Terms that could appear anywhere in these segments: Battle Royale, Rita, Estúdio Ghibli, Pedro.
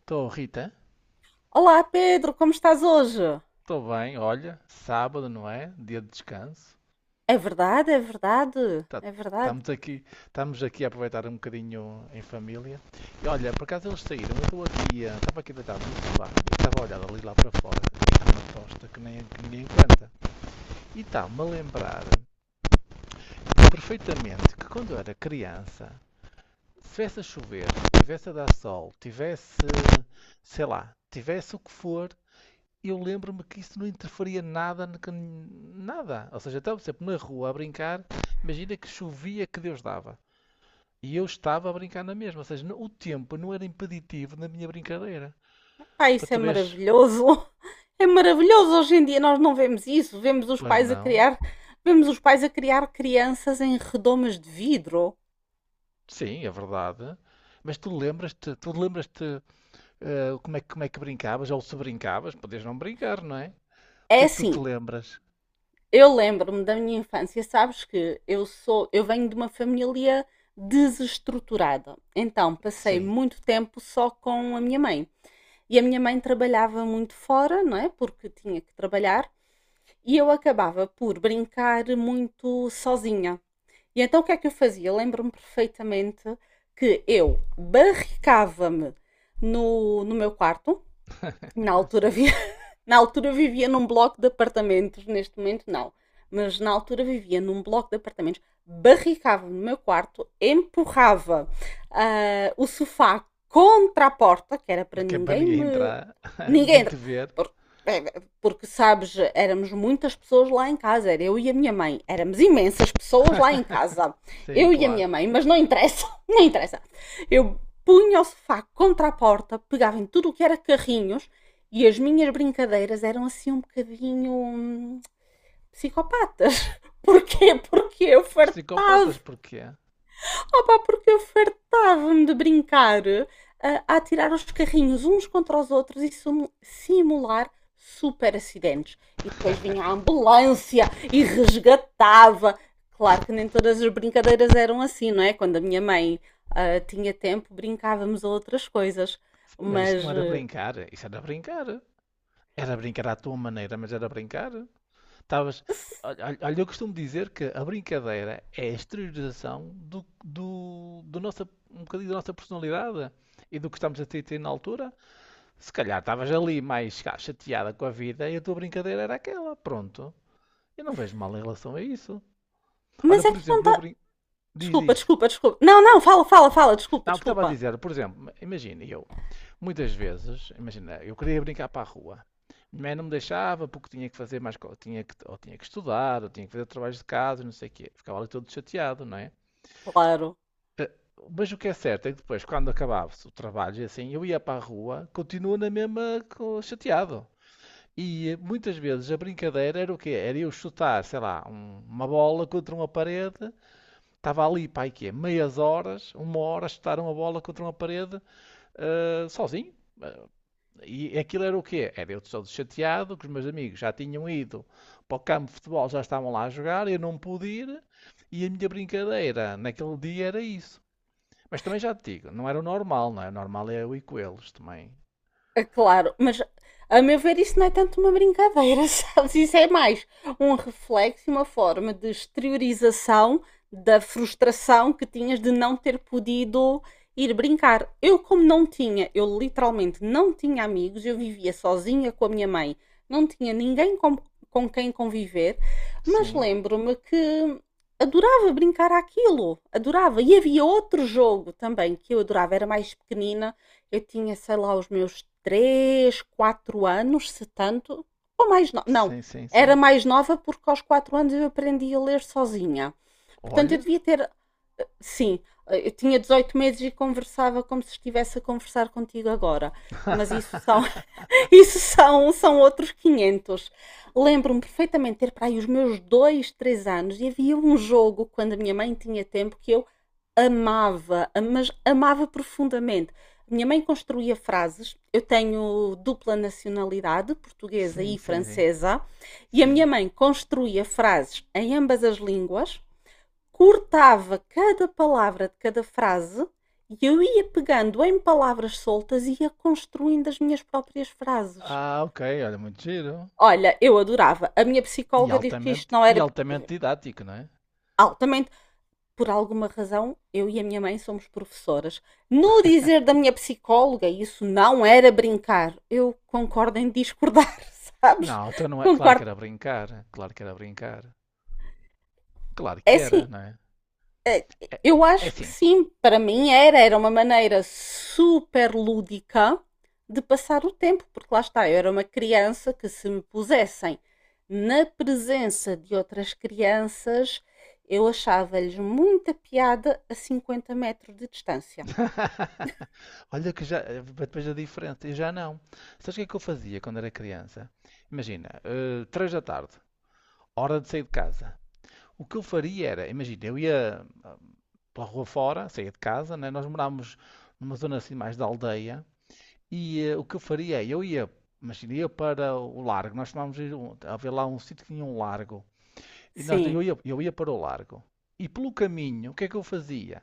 Estou, Rita. Olá Pedro, como estás hoje? Estou bem, olha. Sábado, não é? Dia de descanso. É verdade, é verdade, Tá- é verdade. Estamos aqui, estamos aqui a aproveitar um bocadinho em família. E olha, por acaso eles saíram, eu estou aqui, estava aqui deitado no sofá, e estava a olhar ali lá para fora, e está uma tosta que, nem, que ninguém aguenta. E está-me a lembrar perfeitamente que quando eu era criança, se tivesse a chover, tivesse a dar sol, tivesse, sei lá, tivesse o que for, eu lembro-me que isso não interferia nada, nada. Ou seja, eu estava sempre na rua a brincar, imagina que chovia que Deus dava. E eu estava a brincar na mesma, ou seja, o tempo não era impeditivo na minha brincadeira. Pá, Para isso é tu vês, maravilhoso. É maravilhoso. Hoje em dia nós não vemos isso. Pois não, Vemos os pais a criar crianças em redomas de vidro. sim, é verdade. Mas tu lembras-te, tu lembras-te, como é, como é que brincavas, ou se brincavas, podias não brincar, não é? O É que é que tu te assim, lembras? eu lembro-me da minha infância, sabes que eu venho de uma família desestruturada. Então, passei Sim, muito tempo só com a minha mãe. E a minha mãe trabalhava muito fora, não é? Porque tinha que trabalhar. E eu acabava por brincar muito sozinha. E então o que é que eu fazia? Lembro-me perfeitamente que eu barricava-me no meu quarto, na altura sim. havia. Na altura vivia num bloco de apartamentos, neste momento não. Mas na altura vivia num bloco de apartamentos, barricava no meu quarto, empurrava o sofá contra a porta, que era para Que é para ninguém ninguém me. entrar, ninguém Ninguém. te ver. Porque, sabes, éramos muitas pessoas lá em casa, era eu e a minha mãe, éramos imensas pessoas lá em casa, Sim, eu e a claro. minha mãe, mas não interessa, não interessa. Eu punha o sofá contra a porta, pegava em tudo o que era carrinhos e as minhas brincadeiras eram assim um bocadinho psicopatas. Porquê? Porque eu fartava. Psicopatas porquê? Opa, porque eu fartava-me de brincar a atirar os carrinhos uns contra os outros e simular super acidentes. E depois vinha a ambulância e resgatava. Claro que nem todas as brincadeiras eram assim, não é? Quando a minha mãe tinha tempo, brincávamos a outras coisas. Sim, mas isso Mas, não era eh, brincar, isso era brincar. Era brincar à tua maneira, mas era brincar. Estavas. Olha, olha, eu costumo dizer que a brincadeira é a exteriorização do nossa, um bocadinho da nossa personalidade e do que estamos a ter na altura. Se calhar estavas ali mais cá, chateada com a vida e a tua brincadeira era aquela. Pronto. Eu não vejo mal em relação a isso. Olha, mas é por que eu não, exemplo, eu tá. brinco. Diz, Desculpa, diz. desculpa, desculpa. Não, não, fala, fala, fala, desculpa, Não, o que estava a desculpa. dizer, por exemplo, imagina eu. Muitas vezes, imagina, eu queria brincar para a rua. Minha mãe não me deixava porque tinha que fazer mais, tinha que, ou tinha que estudar, ou tinha que fazer trabalhos de casa, não sei o quê. Ficava ali todo chateado, não é? Claro. Eh, Mas o que é certo é que depois, quando acabava-se o trabalho e assim, eu ia para a rua, continuo na mesma chateado. E muitas vezes a brincadeira era o quê? Era eu chutar, sei lá, uma bola contra uma parede. Estava ali, pai, quê? Meias horas, uma hora a chutar uma bola contra uma parede, sozinho. Eh, e aquilo era o quê? Era eu todo chateado, que os meus amigos já tinham ido para o campo de futebol, já estavam lá a jogar, eu não pude ir, e a minha brincadeira naquele dia era isso. Mas também já te digo, não era o normal, não é? O normal é eu ir com eles também. É claro, mas a meu ver isso não é tanto uma brincadeira, sabes? Isso é mais um reflexo e uma forma de exteriorização da frustração que tinhas de não ter podido ir brincar. Eu, como não tinha, eu literalmente não tinha amigos, eu vivia sozinha com a minha mãe, não tinha ninguém com quem conviver, mas Sim, lembro-me que adorava brincar àquilo, adorava. E havia outro jogo também que eu adorava, era mais pequenina, eu tinha, sei lá, os meus 3, 4 anos, se tanto, ou mais não, sim, sim, era sim. mais nova porque aos 4 anos eu aprendi a ler sozinha. Portanto, eu Olha. devia ter, sim, eu tinha 18 meses e conversava como se estivesse a conversar contigo agora, mas isso são Isso são outros 500. Lembro-me perfeitamente ter para aí os meus 2, 3 anos e havia um jogo quando a minha mãe tinha tempo que eu amava, mas amava profundamente. A minha mãe construía frases. Eu tenho dupla nacionalidade, portuguesa Sim, e sim, sim, francesa, e a minha sim. mãe construía frases em ambas as línguas, cortava cada palavra de cada frase e eu ia pegando em palavras soltas e ia construindo as minhas próprias frases. Ah, ok, olha, muito giro. Olha, eu adorava. A minha psicóloga disse que isto não E era altamente didático, não é? altamente. Por alguma razão, eu e a minha mãe somos professoras. No dizer da minha psicóloga, isso não era brincar. Eu concordo em discordar, sabes? Não, então não é. Claro que Concordo. era brincar, claro que era brincar. Claro É que era, assim, não é? É, eu é acho que assim, sim, para mim era, era uma maneira super lúdica de passar o tempo, porque lá está, eu era uma criança que, se me pusessem na presença de outras crianças, eu achava-lhes muita piada a 50 metros de distância. olha que já, depois a diferença, eu já não. Sabes o que é que eu fazia quando era criança? Imagina, três da tarde, hora de sair de casa. O que eu faria era, imagina, eu ia pela rua fora, saía de casa, né? Nós morávamos numa zona assim mais da aldeia, e o que eu faria é, eu ia, imagina, ia para o largo, nós tomávamos ir havia lá um sítio que tinha um largo, Sim. Eu ia para o largo. E pelo caminho, o que é que eu fazia?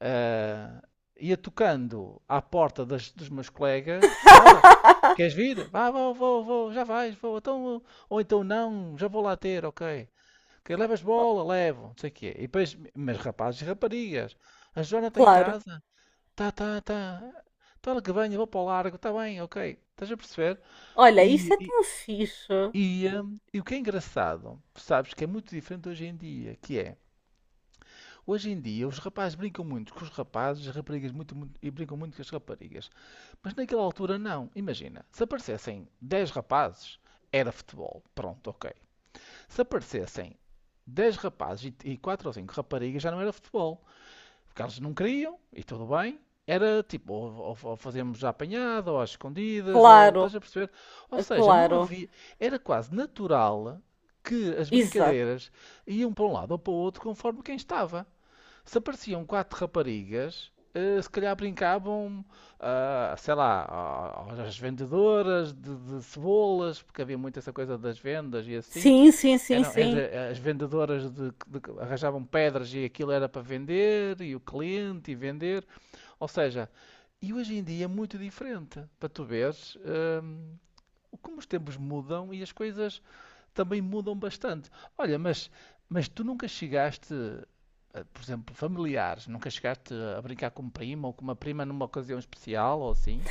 Ah, ia tocando à porta dos meus colegas. Bora, queres vir? Vá, vou, vou, já vais, vou. Então, ou então não, já vou lá ter, ok. Ok, levas bola, levo, não sei o quê. E depois, mas rapazes e raparigas, a Joana está em Claro. casa? Tá, tá, tá. Então ela que venha, vou para o largo, está bem, ok. Estás a perceber? Olha, isso E, é e, tão fixe. e o que é engraçado, sabes que é muito diferente hoje em dia, que é, hoje em dia, os rapazes brincam muito com os rapazes, as raparigas e brincam muito com as raparigas. Mas naquela altura, não. Imagina, se aparecessem 10 rapazes, era futebol. Pronto, ok. Se aparecessem 10 rapazes e 4 ou 5 raparigas, já não era futebol. Porque eles não queriam, e tudo bem. Era tipo, ou fazíamos a apanhada, ou às escondidas, ou estás Claro, a perceber? Ou seja, não claro. havia. Era quase natural que as Exato. brincadeiras iam para um lado ou para o outro conforme quem estava. Se apareciam quatro raparigas, se calhar brincavam, ah, sei lá, às vendedoras de cebolas, porque havia muito essa coisa das vendas e assim. Sim, sim, sim, Eram, sim. As vendedoras arranjavam pedras e aquilo era para vender, e o cliente e vender. Ou seja, e hoje em dia é muito diferente. Para tu veres, hum, como os tempos mudam e as coisas também mudam bastante. Olha, mas tu nunca chegaste, por exemplo, familiares, nunca chegaste a brincar com um primo ou com uma prima numa ocasião especial ou assim?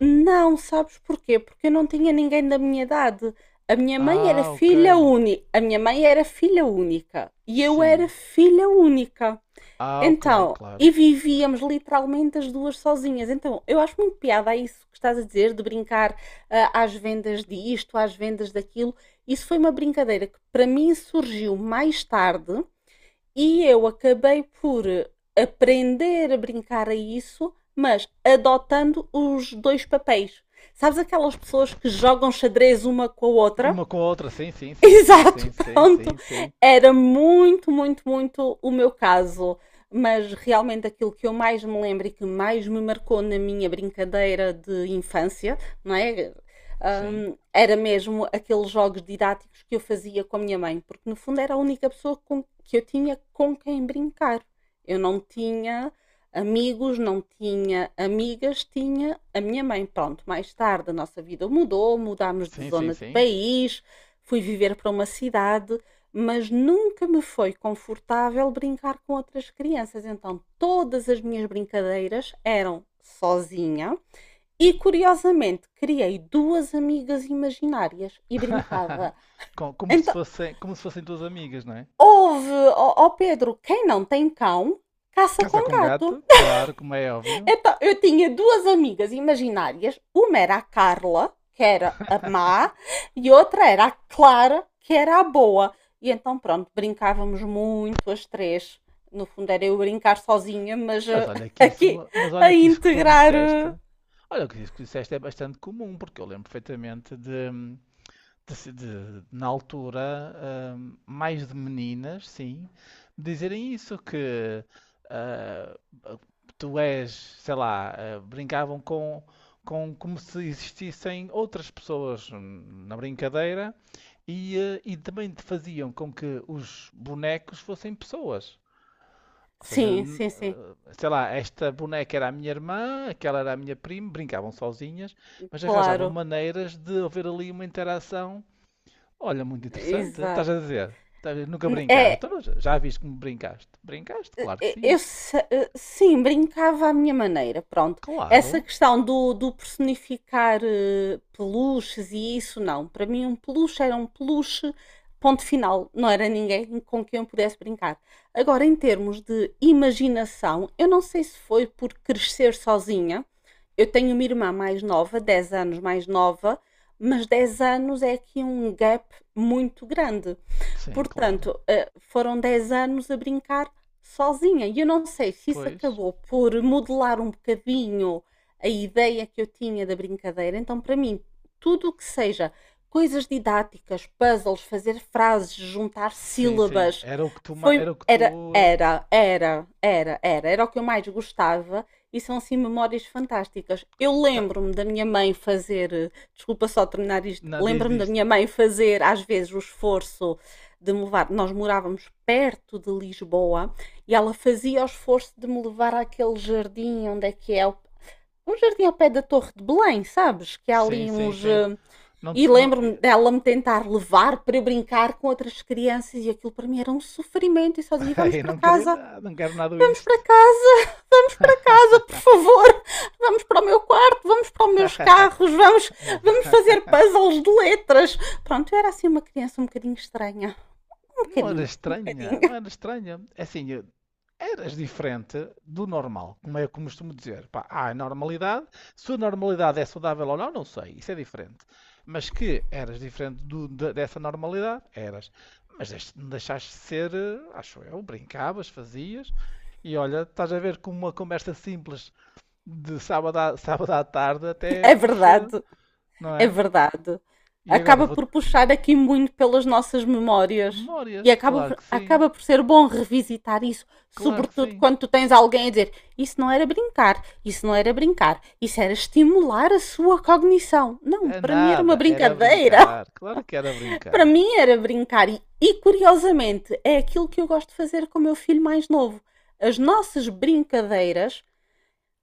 Não, sabes porquê? Porque eu não tinha ninguém da minha idade. A minha mãe era Ah, ok. filha única. A minha mãe era filha única. E eu era Sim. filha única. Ah, ok, Então, claro. e vivíamos literalmente as duas sozinhas. Então, eu acho muito piada a isso que estás a dizer, de brincar às vendas disto, às vendas daquilo. Isso foi uma brincadeira que para mim surgiu mais tarde e eu acabei por aprender a brincar a isso, mas adotando os dois papéis. Sabes aquelas pessoas que jogam xadrez uma com a Com outra? uma com a outra, sim, sim, sim, sim, sim, Exato, sim, pronto. sim, sim, Era muito, muito, muito o meu caso. Mas realmente aquilo que eu mais me lembro e que mais me marcou na minha brincadeira de infância, não é? sim, Era mesmo aqueles jogos didáticos que eu fazia com a minha mãe, porque no fundo era a única pessoa com- que eu tinha com quem brincar. Eu não tinha amigos, não tinha amigas, tinha a minha mãe. Pronto, mais tarde a nossa vida mudou, mudámos de sim, sim, zona, de sim. país, fui viver para uma cidade, mas nunca me foi confortável brincar com outras crianças. Então, todas as minhas brincadeiras eram sozinha. E curiosamente, criei duas amigas imaginárias e brincava. Com- Então, como se fossem duas amigas, não é? houve, ó Pedro, quem não tem cão, caça Casa com com gato. gato, claro, como é óbvio. Então, eu tinha duas amigas imaginárias. Uma era a Carla, que era a má, e outra era a Clara, que era a boa. E então, pronto, brincávamos muito as três. No fundo, era eu brincar sozinha, mas Mas olha que aqui isso, mas olha a que isso que tu integrar. disseste, olha que isso que disseste é bastante comum, porque eu lembro perfeitamente de, na altura, mais de meninas, sim, dizerem isso que ah, tu és, sei lá, ah, brincavam com como se existissem outras pessoas na brincadeira e, ah, e também te faziam com que os bonecos fossem pessoas. Ou seja, Sim, sim, sim, sei lá, esta boneca era a minha irmã, aquela era a minha prima, brincavam sozinhas, mas arranjavam claro, maneiras de haver ali uma interação. Olha, muito interessante. Estás exato. a dizer? Dizer, nunca brincaste. É, Então, mas já viste como brincaste? Brincaste? Claro que eh, sim. eu se- eh, sim, brincava à minha maneira, pronto. Essa Claro. questão do, do personificar peluches e isso, não. Para mim, um peluche era um peluche, ponto final. Não era ninguém com quem eu pudesse brincar. Agora, em termos de imaginação, eu não sei se foi por crescer sozinha. Eu tenho uma irmã mais nova, 10 anos mais nova, mas 10 anos é aqui um gap muito grande. Sim, claro. Portanto, foram 10 anos a brincar sozinha. E eu não sei se isso Pois. acabou por modelar um bocadinho a ideia que eu tinha da brincadeira. Então, para mim, tudo o que seja coisas didáticas, puzzles, fazer frases, juntar Sim, sim. sílabas, Era o que tu, foi era o que era tu, era era era era era o que eu mais gostava e são assim memórias fantásticas. Eu ta- lembro-me da minha mãe fazer, desculpa só terminar isto, não, diz lembro-me da isto. minha mãe fazer às vezes o esforço de me levar. Nós morávamos perto de Lisboa e ela fazia o esforço de me levar àquele jardim onde é que é um jardim ao pé da Torre de Belém, sabes? Que há Sim, ali sim, uns. sim. Não, E não, lembro-me dela me tentar levar para eu brincar com outras crianças e aquilo para mim era um sofrimento. E só dizia: eu não queria nada, não quero nada vamos para isto. casa, vamos para casa, por favor, vamos para o meu quarto, vamos para os meus carros, vamos, vamos fazer puzzles de letras. Pronto, eu era assim uma criança um bocadinho estranha. Um Não era bocadinho, um bocadinho. estranha, não era estranha. É assim, eras diferente do normal, como eu costumo dizer. Pá, há a normalidade. Se a normalidade é saudável ou não, não sei. Isso é diferente. Mas que eras diferente dessa normalidade, eras. Mas não deixaste de ser, acho eu, brincavas, fazias. E olha, estás a ver como uma conversa simples de sábado sábado à tarde até É puxa, verdade, não é é? verdade. E agora Acaba vou. por puxar aqui muito pelas nossas memórias. E Memórias, claro que sim, acaba por ser bom revisitar isso, claro que sobretudo sim. quando tu tens alguém a dizer isso não era brincar, isso não era brincar, isso era estimular a sua cognição. Não, É para mim era uma nada, era brincadeira. brincar. Claro que era Para brincar. mim era brincar. E, curiosamente, é aquilo que eu gosto de fazer com o meu filho mais novo. As nossas brincadeiras.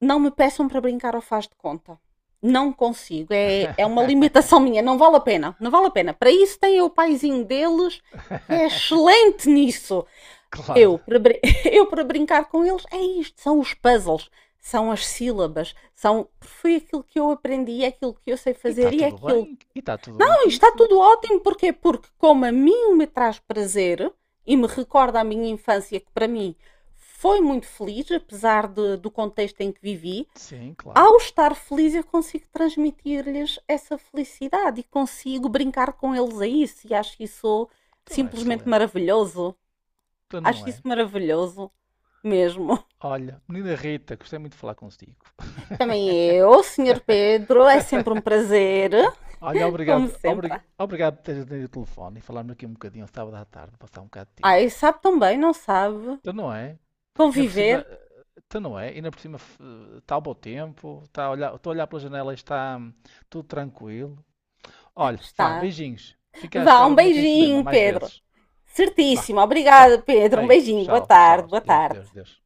Não me peçam para brincar ao faz de conta. Não consigo. É, é uma limitação minha. Não vale a pena. Não vale a pena. Para isso tem o paizinho deles, que é excelente nisso. Claro. Eu para, eu, para brincar com eles, é isto. São os puzzles. São as sílabas. São, foi aquilo que eu aprendi, é aquilo que eu sei E está fazer e é tudo aquilo. bem? E está tudo bem Não, com está isso? tudo ótimo. Porquê? Porque como a mim me traz prazer e me recorda a minha infância, que para mim foi muito feliz, apesar do contexto em que vivi, Sim, claro. ao estar feliz, eu consigo transmitir-lhes essa felicidade e consigo brincar com eles a isso. E acho isso Então é simplesmente excelente. maravilhoso. Então não Acho isso é. maravilhoso mesmo. Olha, menina Rita, gostei muito de falar consigo. Também eu, senhor Pedro, é sempre um prazer, Olha, como obrigado, sempre. Obrigado por teres atendido o telefone e falarmos aqui um bocadinho sábado à tarde, passar um bocado de Ai, tempo. sabe também, não sabe? Então não é? Ainda por cima, Conviver então não é? Ainda por cima está o bom tempo, está a olhar, estou a olhar pela janela e está tudo tranquilo. Olha, vá, está. beijinhos. Fica à Vá, espera um do meu telefonema beijinho, mais Pedro. vezes. Vá, Certíssimo, tchau. obrigada, Pedro. Um Beijo, beijinho, boa tchau, tchau. tarde, boa Deus, Deus, tarde. Deus.